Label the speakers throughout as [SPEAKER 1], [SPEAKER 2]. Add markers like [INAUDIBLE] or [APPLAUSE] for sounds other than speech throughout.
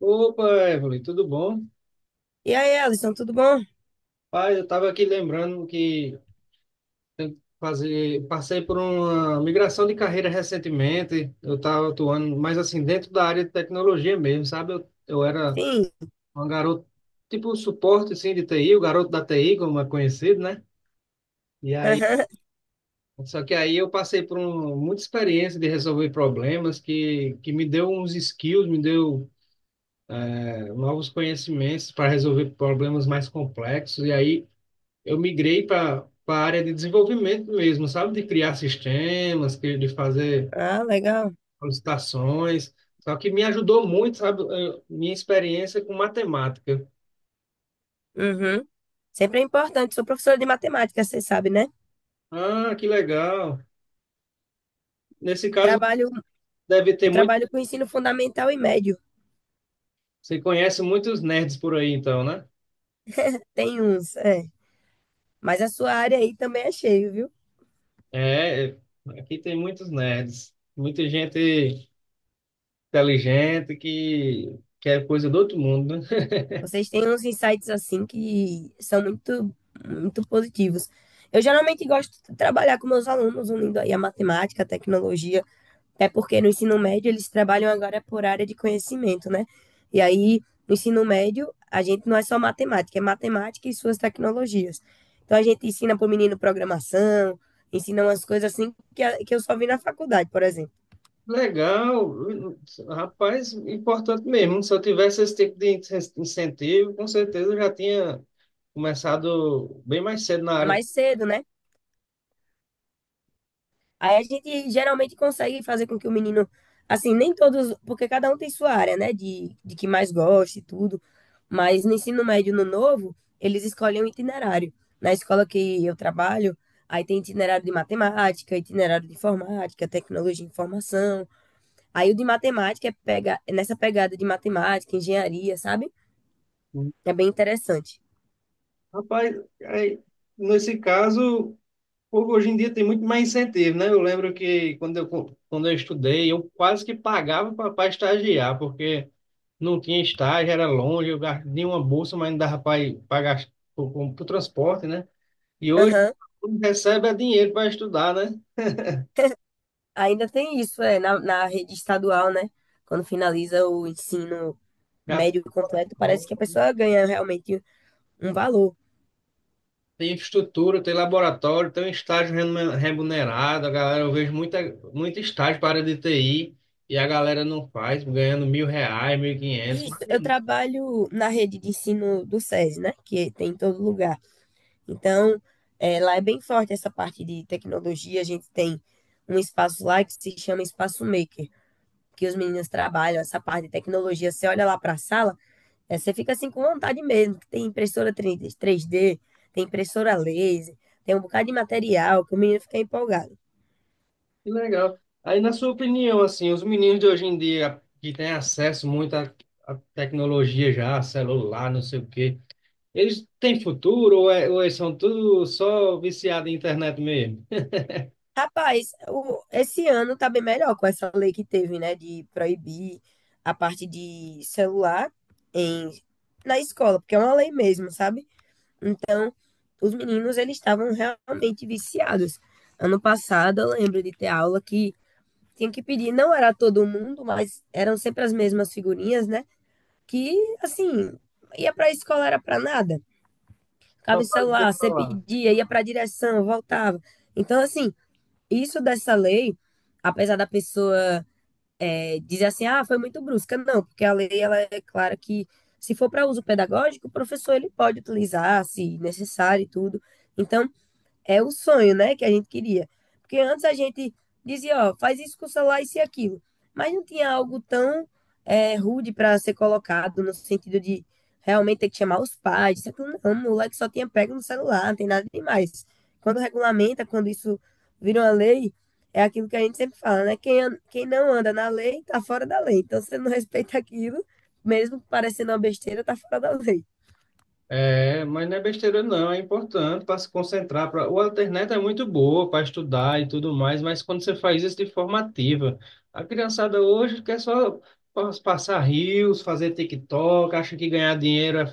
[SPEAKER 1] Opa, Evelyn, tudo bom?
[SPEAKER 2] E aí, Alisson, tudo bom?
[SPEAKER 1] Pai, eu estava aqui lembrando que fazer, passei por uma migração de carreira recentemente. Eu estava atuando mas assim dentro da área de tecnologia mesmo, sabe? Eu era
[SPEAKER 2] Sim.
[SPEAKER 1] um garoto, tipo suporte assim, de TI, o garoto da TI, como é conhecido, né? E aí,
[SPEAKER 2] Aham.
[SPEAKER 1] só que aí eu passei por um, muita experiência de resolver problemas que me deu uns skills, me deu novos conhecimentos para resolver problemas mais complexos. E aí eu migrei para a área de desenvolvimento mesmo, sabe? De criar sistemas, de fazer
[SPEAKER 2] Ah, legal.
[SPEAKER 1] solicitações. Só que me ajudou muito, sabe? Minha experiência com matemática.
[SPEAKER 2] Uhum. Sempre é importante. Sou professora de matemática, você sabe, né?
[SPEAKER 1] Ah, que legal. Nesse caso,
[SPEAKER 2] Trabalho,
[SPEAKER 1] deve ter
[SPEAKER 2] eu
[SPEAKER 1] muito.
[SPEAKER 2] trabalho com ensino fundamental e médio.
[SPEAKER 1] Você conhece muitos nerds por aí, então, né?
[SPEAKER 2] Tem uns, é. Mas a sua área aí também é cheio, viu?
[SPEAKER 1] É, aqui tem muitos nerds. Muita gente inteligente que, quer coisa do outro mundo, né?
[SPEAKER 2] Vocês têm uns insights assim que são muito, muito positivos. Eu geralmente gosto de trabalhar com meus alunos, unindo aí a matemática, a tecnologia. É porque no ensino médio eles trabalham agora por área de conhecimento, né? E aí, no ensino médio, a gente não é só matemática, é matemática e suas tecnologias. Então, a gente ensina para o menino programação, ensina umas coisas assim que eu só vi na faculdade, por exemplo.
[SPEAKER 1] Legal, rapaz, importante mesmo. Se eu tivesse esse tipo de incentivo, com certeza eu já tinha começado bem mais cedo na área.
[SPEAKER 2] Mais cedo, né? Aí a gente geralmente consegue fazer com que o menino, assim, nem todos, porque cada um tem sua área, né, de que mais gosta e tudo, mas no ensino médio, no novo, eles escolhem um itinerário. Na escola que eu trabalho, aí tem itinerário de matemática, itinerário de informática, tecnologia de informação. Aí o de matemática é pega, é nessa pegada de matemática, engenharia, sabe? É bem interessante.
[SPEAKER 1] Rapaz, aí, nesse caso, pô, hoje em dia tem muito mais incentivo, né? Eu lembro que quando eu estudei, eu quase que pagava para estagiar, porque não tinha estágio, era longe, eu ganhei uma bolsa, mas não dava para pagar o transporte, né? E hoje
[SPEAKER 2] Aham.
[SPEAKER 1] quem recebe é dinheiro para estudar, né?
[SPEAKER 2] [LAUGHS] Ainda tem isso, é, na rede estadual, né? Quando finaliza o ensino
[SPEAKER 1] Já.
[SPEAKER 2] médio completo, parece que a pessoa ganha realmente um valor.
[SPEAKER 1] Tem infraestrutura, tem laboratório, tem um estágio remunerado. A galera, eu vejo muita, muito estágio para a área de TI e a galera não faz, ganhando R$ 1.000, 1.500.
[SPEAKER 2] Isso, eu
[SPEAKER 1] Imagina.
[SPEAKER 2] trabalho na rede de ensino do SESI, né? Que tem em todo lugar. Então, lá é bem forte essa parte de tecnologia. A gente tem um espaço lá que se chama Espaço Maker, que os meninos trabalham essa parte de tecnologia. Você olha lá para a sala, é, você fica assim com vontade mesmo, que tem impressora 3D, tem impressora laser, tem um bocado de material que o menino fica empolgado.
[SPEAKER 1] Que legal. Aí, na sua opinião, assim, os meninos de hoje em dia que têm acesso muito à tecnologia já, celular, não sei o quê, eles têm futuro ou, ou eles são tudo só viciados em internet mesmo?
[SPEAKER 2] Rapaz, esse ano tá bem melhor com essa lei que teve, né, de proibir a parte de celular em, na escola, porque é uma lei mesmo, sabe? Os meninos, eles estavam realmente viciados. Ano passado, eu lembro de ter aula que tinha que pedir, não era todo mundo, mas eram sempre as mesmas figurinhas, né? Que, assim, ia para a escola era para nada.
[SPEAKER 1] Só
[SPEAKER 2] Ficava em
[SPEAKER 1] para dizer
[SPEAKER 2] celular,
[SPEAKER 1] que
[SPEAKER 2] você
[SPEAKER 1] falar.
[SPEAKER 2] pedia, ia para a direção, voltava. Então, assim, isso dessa lei, apesar da pessoa dizer assim, ah, foi muito brusca, não, porque a lei ela é clara que se for para uso pedagógico, o professor ele pode utilizar, se necessário e tudo. Então, é o sonho, né, que a gente queria. Porque antes a gente dizia, ó, faz isso com o celular, isso e aquilo. Mas não tinha algo tão rude para ser colocado, no sentido de realmente ter que chamar os pais. Isso, aquilo. Não, o moleque só tinha pego no celular, não tem nada demais. Quando regulamenta, quando isso vira uma lei, é aquilo que a gente sempre fala, né? Quem não anda na lei, tá fora da lei. Então, se você não respeita aquilo, mesmo parecendo uma besteira, tá fora da lei.
[SPEAKER 1] É, mas não é besteira não, é importante para se concentrar. Pra... O internet é muito boa para estudar e tudo mais, mas quando você faz isso de forma ativa, a criançada hoje quer só passar rios, fazer TikTok, acha que ganhar dinheiro é,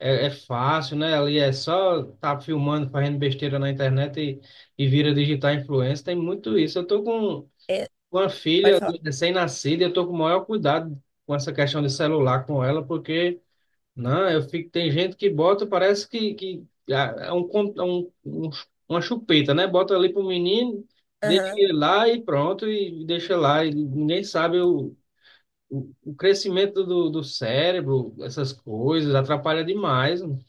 [SPEAKER 1] é, é fácil, né? Ali é só tá filmando, fazendo besteira na internet e vira digital influencer, tem muito isso. Eu tô com
[SPEAKER 2] É,
[SPEAKER 1] uma
[SPEAKER 2] pode
[SPEAKER 1] filha
[SPEAKER 2] falar.
[SPEAKER 1] recém-nascida, e eu tô com o maior cuidado com essa questão de celular com ela, porque não, eu fico. Tem gente que bota, parece que uma chupeta, né? Bota ali pro menino, deixa ele lá e pronto, e deixa lá. E ninguém sabe o crescimento do cérebro, essas coisas, atrapalha demais, mano.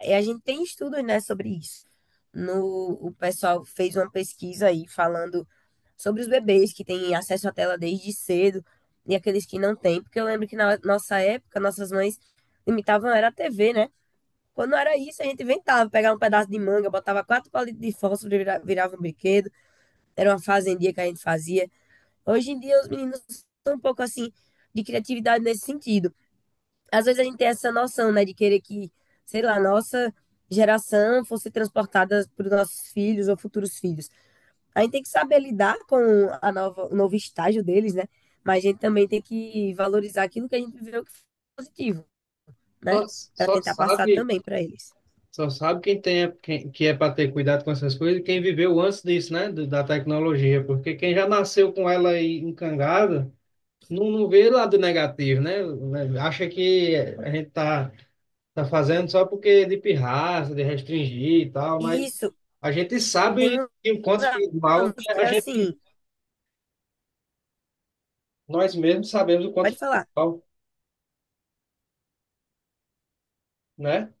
[SPEAKER 2] E a gente tem estudos, né, sobre isso. No, O pessoal fez uma pesquisa aí falando sobre os bebês que têm acesso à tela desde cedo e aqueles que não têm, porque eu lembro que na nossa época, nossas mães limitavam era a TV, né? Quando era isso, a gente inventava, pegava um pedaço de manga, botava quatro palitos de fósforo e virava um brinquedo. Era uma fazendia que a gente fazia. Hoje em dia, os meninos estão um pouco assim de criatividade nesse sentido. Às vezes a gente tem essa noção, né, de querer que, sei lá, nossa geração fosse transportada para os nossos filhos ou futuros filhos. A gente tem que saber lidar com a nova, o novo estágio deles, né? Mas a gente também tem que valorizar aquilo que a gente viveu que foi positivo, né?
[SPEAKER 1] Só,
[SPEAKER 2] Para
[SPEAKER 1] só
[SPEAKER 2] tentar passar
[SPEAKER 1] sabe,
[SPEAKER 2] também para eles.
[SPEAKER 1] só sabe que é para ter cuidado com essas coisas, e quem viveu antes disso, né? Da tecnologia, porque quem já nasceu com ela aí encangada não, não vê lado negativo, né? Acha que a gente tá fazendo só porque é de pirraça, de restringir e tal,
[SPEAKER 2] E
[SPEAKER 1] mas
[SPEAKER 2] isso
[SPEAKER 1] a gente
[SPEAKER 2] tem
[SPEAKER 1] sabe
[SPEAKER 2] uns
[SPEAKER 1] que o quanto faz mal, né?
[SPEAKER 2] alunos que, assim,
[SPEAKER 1] Nós mesmos sabemos o quanto
[SPEAKER 2] pode
[SPEAKER 1] faz
[SPEAKER 2] falar.
[SPEAKER 1] mal, né?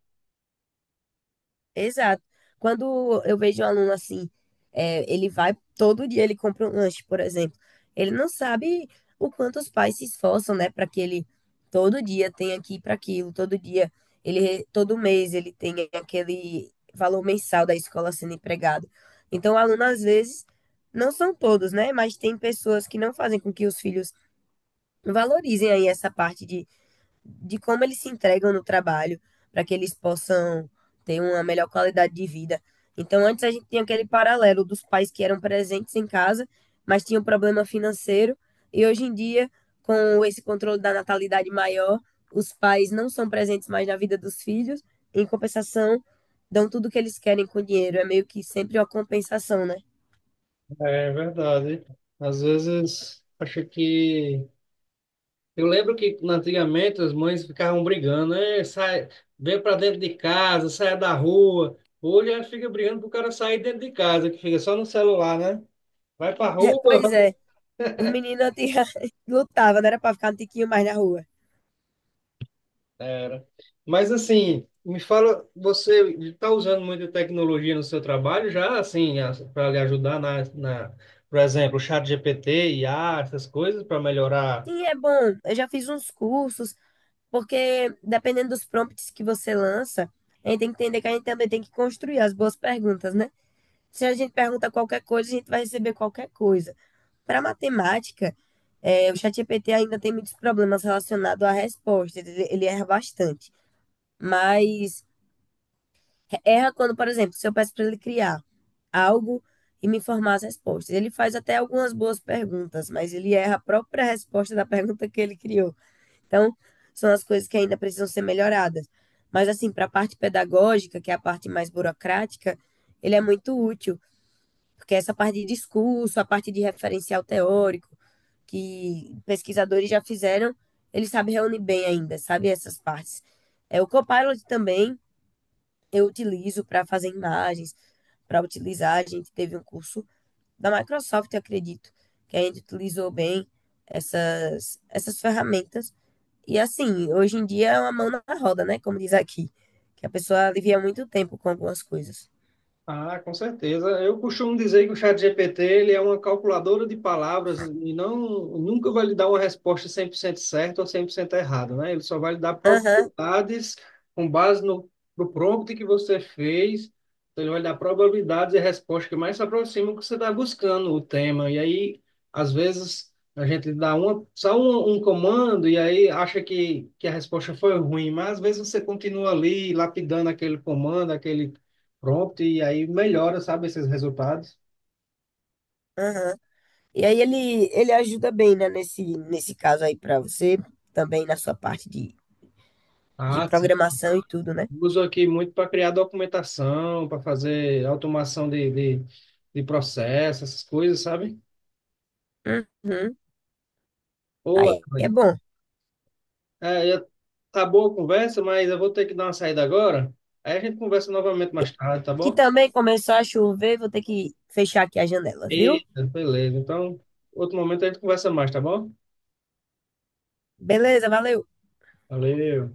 [SPEAKER 2] Exato. Quando eu vejo um aluno assim, é, ele vai todo dia, ele compra um lanche, por exemplo. Ele não sabe o quanto os pais se esforçam, né, para que ele todo dia tenha aqui para aquilo, todo dia, todo mês ele tenha aquele valor mensal da escola sendo empregado. Então, o aluno às vezes não são todos, né, mas tem pessoas que não fazem com que os filhos valorizem aí essa parte de como eles se entregam no trabalho para que eles possam ter uma melhor qualidade de vida. Então, antes a gente tinha aquele paralelo dos pais que eram presentes em casa, mas tinham problema financeiro, e hoje em dia, com esse controle da natalidade maior, os pais não são presentes mais na vida dos filhos, em compensação, dão tudo o que eles querem com o dinheiro. É meio que sempre uma compensação, né?
[SPEAKER 1] É verdade. Às vezes, acho que. Eu lembro que antigamente as mães ficavam brigando, né? Sai, vem para dentro de casa, sai da rua. Hoje a gente fica brigando pro cara sair dentro de casa, que fica só no celular, né? Vai pra
[SPEAKER 2] É,
[SPEAKER 1] rua.
[SPEAKER 2] pois é, os meninos tinha [LAUGHS] lutavam, não era para ficar um tiquinho mais na rua.
[SPEAKER 1] Era. Mas assim, me fala, você está usando muita tecnologia no seu trabalho já, assim, para lhe ajudar por exemplo, o chat GPT, IA, essas coisas, para melhorar.
[SPEAKER 2] Sim, é bom. Eu já fiz uns cursos. Porque dependendo dos prompts que você lança, a gente tem que entender que a gente também tem que construir as boas perguntas, né? Se a gente pergunta qualquer coisa, a gente vai receber qualquer coisa. Para matemática, é, o ChatGPT ainda tem muitos problemas relacionados à resposta, ele erra bastante. Mas erra quando, por exemplo, se eu peço para ele criar algo e me informar as respostas. Ele faz até algumas boas perguntas, mas ele erra a própria resposta da pergunta que ele criou. Então, são as coisas que ainda precisam ser melhoradas. Mas, assim, para a parte pedagógica, que é a parte mais burocrática, ele é muito útil, porque essa parte de discurso, a parte de referencial teórico, que pesquisadores já fizeram, ele sabe reunir bem ainda, sabe essas partes. É, o Copilot também eu utilizo para fazer imagens, para utilizar. A gente teve um curso da Microsoft, eu acredito, que a gente utilizou bem essas ferramentas e assim, hoje em dia é uma mão na roda, né? Como diz aqui. Que a pessoa alivia muito tempo com algumas coisas.
[SPEAKER 1] Ah, com certeza. Eu costumo dizer que o ChatGPT ele é uma calculadora de palavras e não nunca vai lhe dar uma resposta 100% certa ou 100% errada, né? Ele só vai lhe dar
[SPEAKER 2] Aham,
[SPEAKER 1] probabilidades com base no prompt que você fez. Então, ele vai lhe dar probabilidades e respostas que mais se aproximam do que você está buscando o tema. E aí, às vezes, a gente dá uma, só um comando e aí acha que a resposta foi ruim, mas às vezes você continua ali lapidando aquele comando, aquele prompt e aí melhora, sabe, esses resultados.
[SPEAKER 2] aham. E aí ele ajuda bem, né? Nesse caso aí pra você, também na sua parte de
[SPEAKER 1] Ah, sim.
[SPEAKER 2] programação e tudo, né?
[SPEAKER 1] Uso aqui muito para criar documentação, para fazer automação de, de processo, essas coisas, sabe?
[SPEAKER 2] Uhum.
[SPEAKER 1] Ô,
[SPEAKER 2] Aí é
[SPEAKER 1] Evelyn,
[SPEAKER 2] bom.
[SPEAKER 1] é, eu- tá boa a conversa, mas eu vou ter que dar uma saída agora. Aí a gente conversa novamente
[SPEAKER 2] E
[SPEAKER 1] mais tarde, tá
[SPEAKER 2] aqui
[SPEAKER 1] bom?
[SPEAKER 2] também começou a chover, vou ter que fechar aqui as janelas, viu?
[SPEAKER 1] Eita, beleza. Então, outro momento a gente conversa mais, tá bom?
[SPEAKER 2] Beleza, valeu.
[SPEAKER 1] Valeu.